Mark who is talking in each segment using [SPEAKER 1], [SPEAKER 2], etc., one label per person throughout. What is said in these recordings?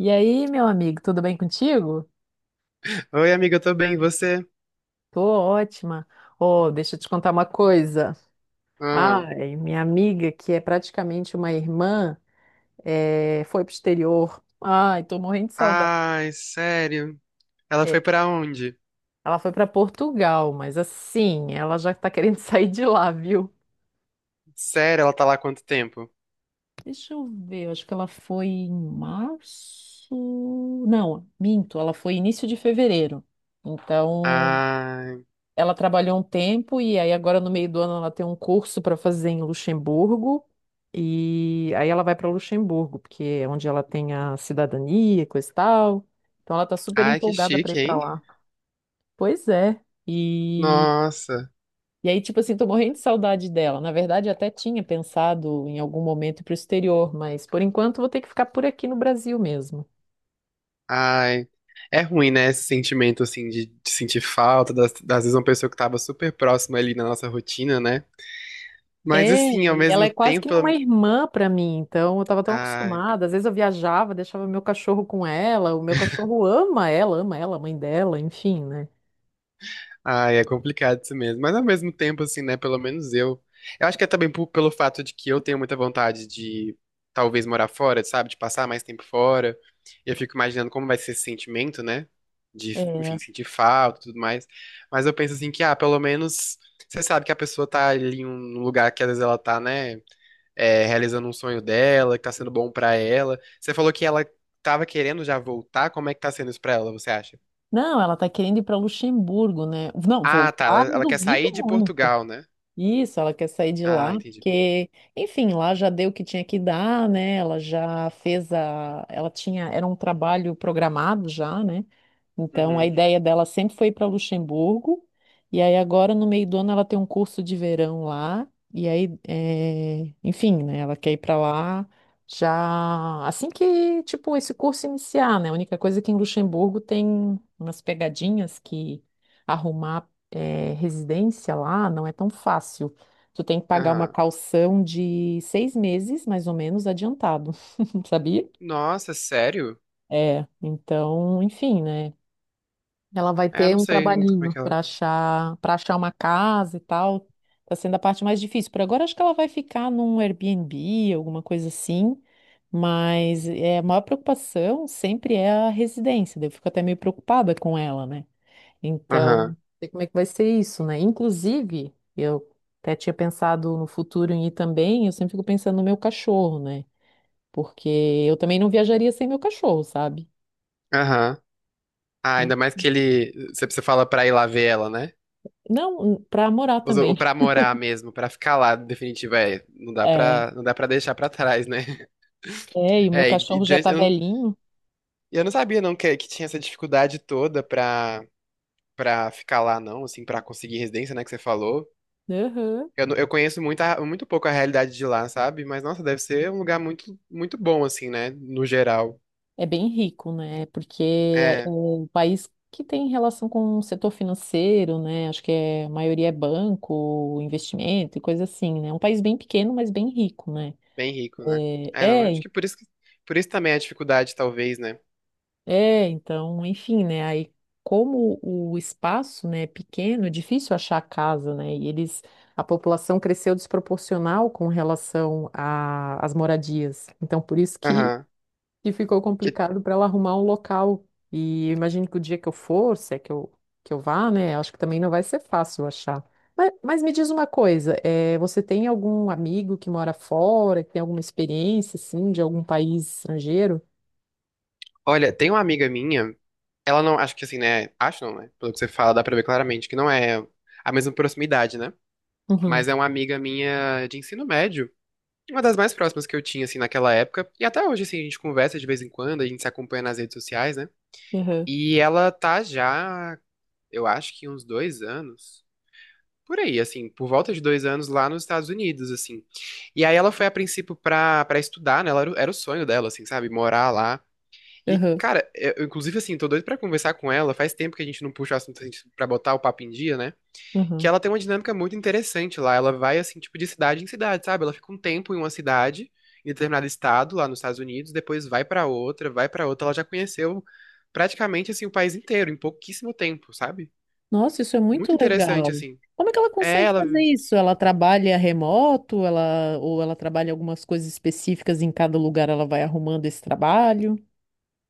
[SPEAKER 1] E aí, meu amigo, tudo bem contigo?
[SPEAKER 2] Oi, amiga, eu tô bem, e você?
[SPEAKER 1] Tô ótima. Oh, deixa eu te contar uma coisa.
[SPEAKER 2] Ah.
[SPEAKER 1] Ai, minha amiga, que é praticamente uma irmã, foi pro exterior. Ai, tô morrendo de saudade.
[SPEAKER 2] Ai, sério? Ela
[SPEAKER 1] É,
[SPEAKER 2] foi pra onde?
[SPEAKER 1] ela foi pra Portugal, mas assim, ela já tá querendo sair de lá, viu?
[SPEAKER 2] Sério, ela tá lá há quanto tempo?
[SPEAKER 1] Deixa eu ver, acho que ela foi em março. Não, minto, ela foi início de fevereiro. Então,
[SPEAKER 2] Ai,
[SPEAKER 1] ela trabalhou um tempo e aí agora no meio do ano ela tem um curso para fazer em Luxemburgo e aí ela vai para Luxemburgo, porque é onde ela tem a cidadania, coisa e tal. Então ela tá super
[SPEAKER 2] ai, que
[SPEAKER 1] empolgada para ir
[SPEAKER 2] chique,
[SPEAKER 1] para
[SPEAKER 2] hein?
[SPEAKER 1] lá. Pois é. E
[SPEAKER 2] Nossa,
[SPEAKER 1] e aí tipo assim, tô morrendo de saudade dela. Na verdade, eu até tinha pensado em algum momento ir pro exterior, mas por enquanto vou ter que ficar por aqui no Brasil mesmo.
[SPEAKER 2] ai. É ruim, né, esse sentimento, assim, de sentir falta, das vezes uma pessoa que tava super próxima ali na nossa rotina, né? Mas, assim,
[SPEAKER 1] É,
[SPEAKER 2] ao
[SPEAKER 1] e ela
[SPEAKER 2] mesmo
[SPEAKER 1] é quase que
[SPEAKER 2] tempo,
[SPEAKER 1] nem uma
[SPEAKER 2] ela-
[SPEAKER 1] irmã para mim, então eu estava tão
[SPEAKER 2] ai.
[SPEAKER 1] acostumada. Às vezes eu viajava, deixava meu cachorro com ela, o meu cachorro ama ela, a mãe dela, enfim, né?
[SPEAKER 2] Ai, é complicado isso mesmo. Mas ao mesmo tempo, assim, né? Pelo menos eu. Eu acho que é também pelo fato de que eu tenho muita vontade de talvez morar fora, sabe? De passar mais tempo fora. Eu fico imaginando como vai ser esse sentimento, né? De, enfim,
[SPEAKER 1] É.
[SPEAKER 2] sentir falta e tudo mais. Mas eu penso assim que, ah, pelo menos você sabe que a pessoa tá ali em um lugar que às vezes ela tá, né? É, realizando um sonho dela, que tá sendo bom pra ela. Você falou que ela tava querendo já voltar. Como é que tá sendo isso pra ela, você acha?
[SPEAKER 1] Não, ela tá querendo ir para Luxemburgo, né? Não,
[SPEAKER 2] Ah, tá. Ela,
[SPEAKER 1] voltar, eu
[SPEAKER 2] ela quer
[SPEAKER 1] duvido
[SPEAKER 2] sair de
[SPEAKER 1] muito.
[SPEAKER 2] Portugal, né?
[SPEAKER 1] Isso, ela quer sair de lá,
[SPEAKER 2] Ah, entendi.
[SPEAKER 1] porque, enfim, lá já deu o que tinha que dar, né? Ela já fez a. Ela tinha. Era um trabalho programado já, né? Então, a
[SPEAKER 2] Uhum.
[SPEAKER 1] ideia dela sempre foi ir para Luxemburgo, e aí agora no meio do ano ela tem um curso de verão lá, e aí, enfim, né, ela quer ir para lá já assim que, tipo, esse curso iniciar, né? A única coisa é que em Luxemburgo tem umas pegadinhas que arrumar, residência lá não é tão fácil. Tu tem que pagar uma
[SPEAKER 2] Aham.
[SPEAKER 1] calção de 6 meses, mais ou menos, adiantado, sabia?
[SPEAKER 2] Nossa, sério?
[SPEAKER 1] É, então, enfim, né? Ela vai
[SPEAKER 2] É, eu
[SPEAKER 1] ter
[SPEAKER 2] não
[SPEAKER 1] um
[SPEAKER 2] sei muito como é
[SPEAKER 1] trabalhinho
[SPEAKER 2] que ela.
[SPEAKER 1] para achar uma casa e tal. Tá sendo a parte mais difícil. Por agora, acho que ela vai ficar num Airbnb, alguma coisa assim. Mas é, a maior preocupação sempre é a residência. Daí eu fico até meio preocupada com ela, né? Então, não
[SPEAKER 2] Aham.
[SPEAKER 1] sei como é que vai ser isso, né? Inclusive, eu até tinha pensado no futuro em ir também. Eu sempre fico pensando no meu cachorro, né? Porque eu também não viajaria sem meu cachorro, sabe?
[SPEAKER 2] Aham. Ah, ainda mais que ele. Você fala pra ir lá ver ela, né?
[SPEAKER 1] Não, para morar
[SPEAKER 2] Ou
[SPEAKER 1] também.
[SPEAKER 2] pra morar mesmo, pra ficar lá, definitivo, é. Não dá
[SPEAKER 1] É.
[SPEAKER 2] pra, não dá pra deixar pra trás, né?
[SPEAKER 1] É, e o meu
[SPEAKER 2] É, e
[SPEAKER 1] cachorro já
[SPEAKER 2] diante-
[SPEAKER 1] tá
[SPEAKER 2] eu, não,
[SPEAKER 1] velhinho.
[SPEAKER 2] e eu não sabia, não, que tinha essa dificuldade toda pra, pra ficar lá, não, assim, pra conseguir residência, né, que você falou.
[SPEAKER 1] Aham.
[SPEAKER 2] Eu, não- eu conheço muito, a- muito pouco a realidade de lá, sabe? Mas, nossa, deve ser um lugar muito, muito bom, assim, né, no geral.
[SPEAKER 1] É bem rico, né? Porque é
[SPEAKER 2] É.
[SPEAKER 1] um país que tem relação com o setor financeiro, né? Acho que é, a maioria é banco, investimento e coisa assim, né? É um país bem pequeno, mas bem rico, né?
[SPEAKER 2] Bem rico, né?
[SPEAKER 1] É,
[SPEAKER 2] É, não, eu acho
[SPEAKER 1] é,
[SPEAKER 2] que- por isso também é a dificuldade, talvez, né?
[SPEAKER 1] é, então, enfim, né? Aí, como o espaço, né, é pequeno, é difícil achar casa, né? E eles, a população cresceu desproporcional com relação a- às moradias. Então, por isso que
[SPEAKER 2] Aham.
[SPEAKER 1] e ficou
[SPEAKER 2] Que,
[SPEAKER 1] complicado para ela arrumar um local. E eu imagino que o dia que eu for, se é que eu vá, né? Acho que também não vai ser fácil achar. Mas me diz uma coisa, você tem algum amigo que mora fora, que tem alguma experiência, assim, de algum país estrangeiro?
[SPEAKER 2] olha, tem uma amiga minha, ela não, acho que assim, né? Acho não, né? Pelo que você fala, dá pra ver claramente que não é a mesma proximidade, né?
[SPEAKER 1] Uhum,
[SPEAKER 2] Mas é uma amiga minha de ensino médio, uma das mais próximas que eu tinha, assim, naquela época. E até hoje, assim, a gente conversa de vez em quando, a gente se acompanha nas redes sociais, né?
[SPEAKER 1] uhum,
[SPEAKER 2] E ela tá já, eu acho que uns 2 anos. Por aí, assim, por volta de 2 anos lá nos Estados Unidos, assim. E aí ela foi a princípio pra, pra estudar, né? Ela era, o- era o sonho dela, assim, sabe? Morar lá. E,
[SPEAKER 1] uhum,
[SPEAKER 2] cara, eu, inclusive, assim, tô doido pra conversar com ela. Faz tempo que a gente não puxa o assunto assim, pra botar o papo em dia, né? Que
[SPEAKER 1] uhum.
[SPEAKER 2] ela tem uma dinâmica muito interessante lá. Ela vai, assim, tipo, de cidade em cidade, sabe? Ela fica um tempo em uma cidade, em determinado estado, lá nos Estados Unidos, depois vai pra outra, vai pra outra. Ela já conheceu praticamente, assim, o país inteiro, em pouquíssimo tempo, sabe?
[SPEAKER 1] Nossa, isso é
[SPEAKER 2] Muito
[SPEAKER 1] muito legal.
[SPEAKER 2] interessante, assim.
[SPEAKER 1] Como é que ela
[SPEAKER 2] É,
[SPEAKER 1] consegue
[SPEAKER 2] ela
[SPEAKER 1] fazer isso? Ela trabalha remoto, ela, ou ela trabalha algumas coisas específicas em cada lugar, ela vai arrumando esse trabalho?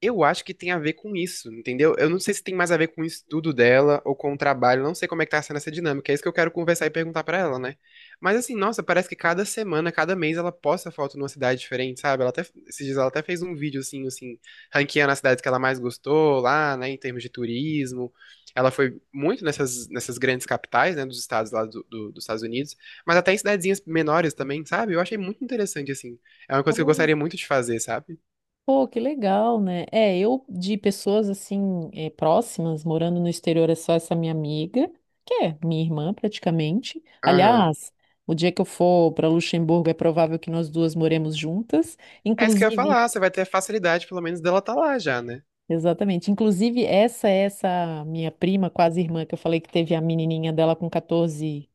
[SPEAKER 2] eu acho que tem a ver com isso, entendeu? Eu não sei se tem mais a ver com o estudo dela ou com o trabalho, não sei como é que tá sendo essa dinâmica, é isso que eu quero conversar e perguntar pra ela, né? Mas assim, nossa, parece que cada semana, cada mês ela posta foto numa cidade diferente, sabe? Ela até, esses dias ela até fez um vídeo assim, ranqueando as cidades que ela mais gostou lá, né, em termos de turismo. Ela foi muito nessas, nessas grandes capitais, né, dos estados lá do, dos Estados Unidos, mas até em cidadezinhas menores também, sabe? Eu achei muito interessante, assim. É uma coisa que eu gostaria muito de fazer, sabe?
[SPEAKER 1] Pô, que legal, né? É, eu de pessoas assim próximas, morando no exterior, é só essa minha amiga, que é minha irmã praticamente.
[SPEAKER 2] Aham.
[SPEAKER 1] Aliás, o dia que eu for para Luxemburgo é provável que nós duas moremos juntas.
[SPEAKER 2] É isso que eu ia
[SPEAKER 1] Inclusive,
[SPEAKER 2] falar, você vai ter a facilidade, pelo menos, dela tá lá já, né?
[SPEAKER 1] exatamente, inclusive essa é essa minha prima, quase irmã, que eu falei que teve a menininha dela com 14,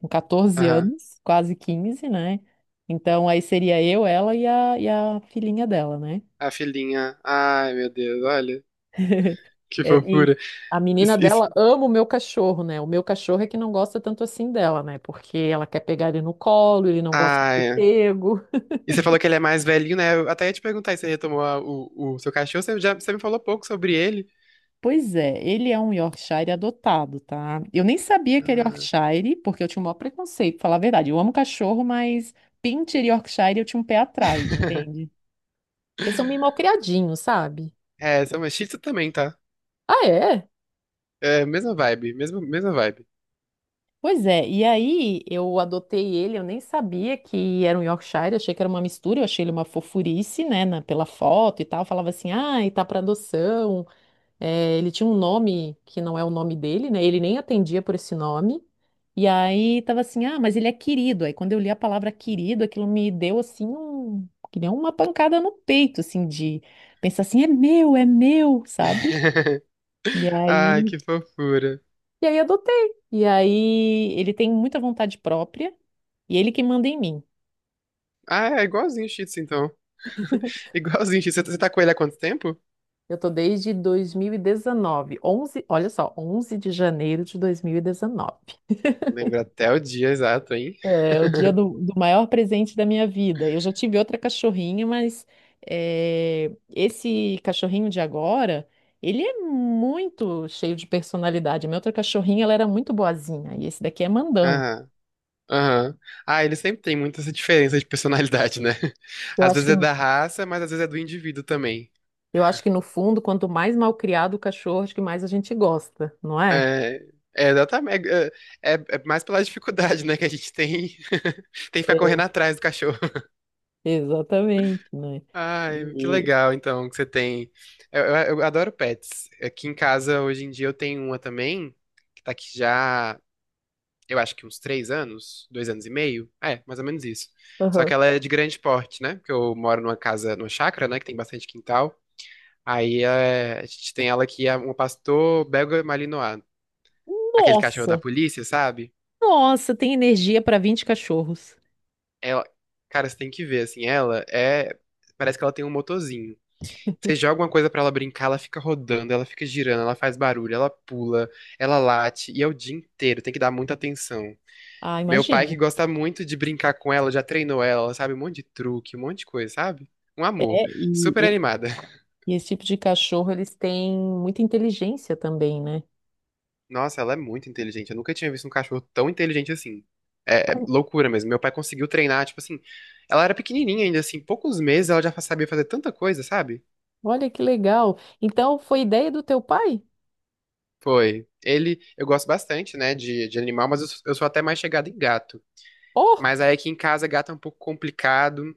[SPEAKER 1] com 14
[SPEAKER 2] Aham.
[SPEAKER 1] anos, quase 15 né? Então aí seria eu, ela e a filhinha dela, né?
[SPEAKER 2] A filhinha. Ai, meu Deus, olha. Que
[SPEAKER 1] É, e
[SPEAKER 2] fofura.
[SPEAKER 1] a menina
[SPEAKER 2] Isso, isso.
[SPEAKER 1] dela ama o meu cachorro, né? O meu cachorro é que não gosta tanto assim dela, né? Porque ela quer pegar ele no colo, ele não gosta de ser
[SPEAKER 2] Ai.
[SPEAKER 1] pego.
[SPEAKER 2] E você falou que ele é mais velhinho, né? Eu até ia te perguntar se você retomou o seu cachorro, você, já, você me falou pouco sobre ele.
[SPEAKER 1] Pois é, ele é um Yorkshire adotado, tá? Eu nem sabia que era
[SPEAKER 2] Ah.
[SPEAKER 1] Yorkshire, porque eu tinha um maior preconceito, pra falar a verdade. Eu amo cachorro, mas Pinscher e Yorkshire eu tinha um pé atrás, entende? Porque são meio mal criadinhos, sabe?
[SPEAKER 2] É, são Shih Tzu também, tá?
[SPEAKER 1] Ah, é?
[SPEAKER 2] É, mesma vibe, mesma, mesma vibe.
[SPEAKER 1] Pois é, e aí eu adotei ele, eu nem sabia que era um Yorkshire, achei que era uma mistura, eu achei ele uma fofurice, né, na- pela foto e tal, falava assim, ah, e tá para adoção. É, ele tinha um nome que não é o nome dele, né, ele nem atendia por esse nome, e aí tava assim, ah, mas ele é querido, aí quando eu li a palavra querido, aquilo me deu assim, um, que nem uma pancada no peito, assim, de pensar assim, é meu, sabe? E
[SPEAKER 2] Ai,
[SPEAKER 1] aí
[SPEAKER 2] que fofura.
[SPEAKER 1] e aí adotei. E aí ele tem muita vontade própria e ele que manda em mim.
[SPEAKER 2] Ah, é igualzinho o Shih Tzu, então. Igualzinho o Shih Tzu. Você tá com ele há quanto tempo?
[SPEAKER 1] Eu tô desde 2019, 11, olha só, 11 de janeiro de 2019.
[SPEAKER 2] Lembra até o dia exato, hein?
[SPEAKER 1] É o dia do, do maior presente da minha vida. Eu já tive outra cachorrinha, mas é, esse cachorrinho de agora, ele é muito cheio de personalidade. A minha outra cachorrinha, ela era muito boazinha e esse daqui é mandão.
[SPEAKER 2] Ah. Aham. Ah, ele sempre tem muita essa diferença de personalidade, né?
[SPEAKER 1] Eu
[SPEAKER 2] Às
[SPEAKER 1] acho
[SPEAKER 2] vezes
[SPEAKER 1] que
[SPEAKER 2] é da raça, mas às vezes é do indivíduo também.
[SPEAKER 1] Eu acho que no fundo, quanto mais mal criado o cachorro, acho que mais a gente gosta, não é?
[SPEAKER 2] É, é exatamente. É, é- é mais pela dificuldade, né, que a gente tem, tem que ficar
[SPEAKER 1] É,
[SPEAKER 2] correndo atrás do cachorro.
[SPEAKER 1] exatamente, né?
[SPEAKER 2] Ai, que
[SPEAKER 1] E...
[SPEAKER 2] legal, então, que você tem. Eu adoro pets. Aqui em casa, hoje em dia, eu tenho uma também, que tá aqui já, eu acho que uns 3 anos, 2 anos e meio. É, mais ou menos isso. Só que
[SPEAKER 1] Aham.
[SPEAKER 2] ela é de grande porte, né? Porque eu moro numa casa, numa chácara, né, que tem bastante quintal. Aí é, a gente tem ela que é um pastor belga malinois, aquele cachorro da
[SPEAKER 1] Nossa,
[SPEAKER 2] polícia, sabe?
[SPEAKER 1] nossa, tem energia para 20 cachorros.
[SPEAKER 2] Ela, cara, você tem que ver, assim, ela é, parece que ela tem um motorzinho. Você joga uma coisa pra ela brincar, ela fica rodando, ela fica girando, ela faz barulho, ela pula, ela late, e é o dia inteiro, tem que dar muita atenção.
[SPEAKER 1] Ah,
[SPEAKER 2] Meu pai que
[SPEAKER 1] imagino.
[SPEAKER 2] gosta muito de brincar com ela, já treinou ela, ela sabe um monte de truque, um monte de coisa, sabe? Um amor,
[SPEAKER 1] É, e,
[SPEAKER 2] super
[SPEAKER 1] e-
[SPEAKER 2] animada.
[SPEAKER 1] e esse tipo de cachorro, eles têm muita inteligência também, né?
[SPEAKER 2] Nossa, ela é muito inteligente. Eu nunca tinha visto um cachorro tão inteligente assim. É, é
[SPEAKER 1] Mas
[SPEAKER 2] loucura mesmo. Meu pai conseguiu treinar, tipo assim. Ela era pequenininha ainda, assim, poucos meses ela já sabia fazer tanta coisa, sabe?
[SPEAKER 1] olha que legal. Então, foi ideia do teu pai?
[SPEAKER 2] Foi. Ele, eu gosto bastante, né, de animal, mas eu, eu sou até mais chegado em gato.
[SPEAKER 1] Oh!
[SPEAKER 2] Mas aí aqui em casa, gato é um pouco complicado,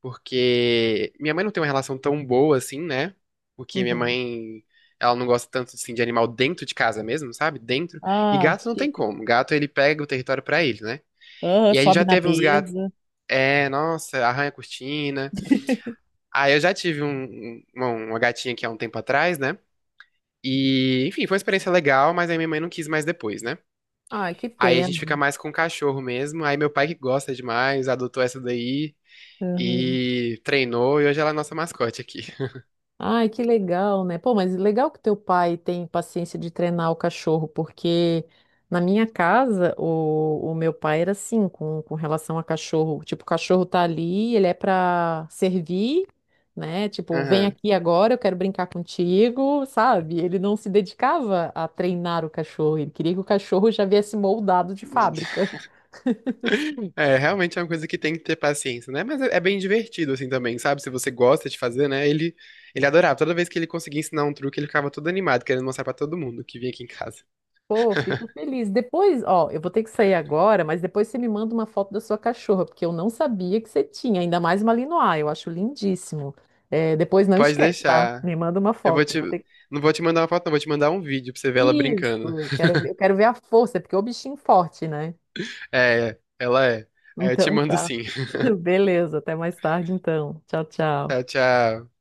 [SPEAKER 2] porque minha mãe não tem uma relação tão boa assim, né? Porque minha
[SPEAKER 1] Uhum.
[SPEAKER 2] mãe, ela não gosta tanto, assim, de animal dentro de casa mesmo, sabe? Dentro. E
[SPEAKER 1] Ah,
[SPEAKER 2] gato não tem
[SPEAKER 1] típico.
[SPEAKER 2] como. Gato, ele pega o território pra ele, né?
[SPEAKER 1] Ah,
[SPEAKER 2] E a gente
[SPEAKER 1] sobe
[SPEAKER 2] já
[SPEAKER 1] na
[SPEAKER 2] teve uns gatos
[SPEAKER 1] mesa.
[SPEAKER 2] é, nossa, arranha a cortina. Ah, eu já tive um- um- uma gatinha aqui há um tempo atrás, né? E, enfim, foi uma experiência legal, mas aí minha mãe não quis mais depois, né?
[SPEAKER 1] Ai, que
[SPEAKER 2] Aí a gente
[SPEAKER 1] pena.
[SPEAKER 2] fica mais com o cachorro mesmo. Aí meu pai que gosta demais, adotou essa daí
[SPEAKER 1] Uhum.
[SPEAKER 2] e treinou, e hoje ela é a nossa mascote aqui.
[SPEAKER 1] Ai, que legal, né? Pô, mas legal que teu pai tem paciência de treinar o cachorro, porque na minha casa o meu pai era assim com relação a cachorro. Tipo, o cachorro tá ali, ele é pra servir, né? Tipo, vem
[SPEAKER 2] Aham.
[SPEAKER 1] aqui agora, eu quero brincar contigo, sabe? Ele não se dedicava a treinar o cachorro, ele queria que o cachorro já viesse moldado de fábrica.
[SPEAKER 2] É, realmente é uma coisa que tem que ter paciência, né? Mas é, é bem divertido, assim, também, sabe? Se você gosta de fazer, né? Ele adorava. Toda vez que ele conseguia ensinar um truque, ele ficava todo animado, querendo mostrar pra todo mundo que vinha aqui em casa.
[SPEAKER 1] Pô, fico feliz. Depois, ó, eu vou ter que sair agora, mas depois você me manda uma foto da sua cachorra, porque eu não sabia que você tinha, ainda mais Malinois, eu acho lindíssimo. É, depois não
[SPEAKER 2] Pode
[SPEAKER 1] esquece, tá?
[SPEAKER 2] deixar.
[SPEAKER 1] Me manda uma
[SPEAKER 2] Eu vou
[SPEAKER 1] foto.
[SPEAKER 2] te.
[SPEAKER 1] Vou ter... que-
[SPEAKER 2] Não vou te mandar uma foto, não. Vou te mandar um vídeo pra você ver ela brincando.
[SPEAKER 1] Isso, quero ver, eu quero ver a força, porque é o bichinho forte, né?
[SPEAKER 2] É, ela é. Aí eu te
[SPEAKER 1] Então
[SPEAKER 2] mando
[SPEAKER 1] tá.
[SPEAKER 2] sim.
[SPEAKER 1] Beleza, até mais tarde então. Tchau, tchau.
[SPEAKER 2] Tchau, tchau.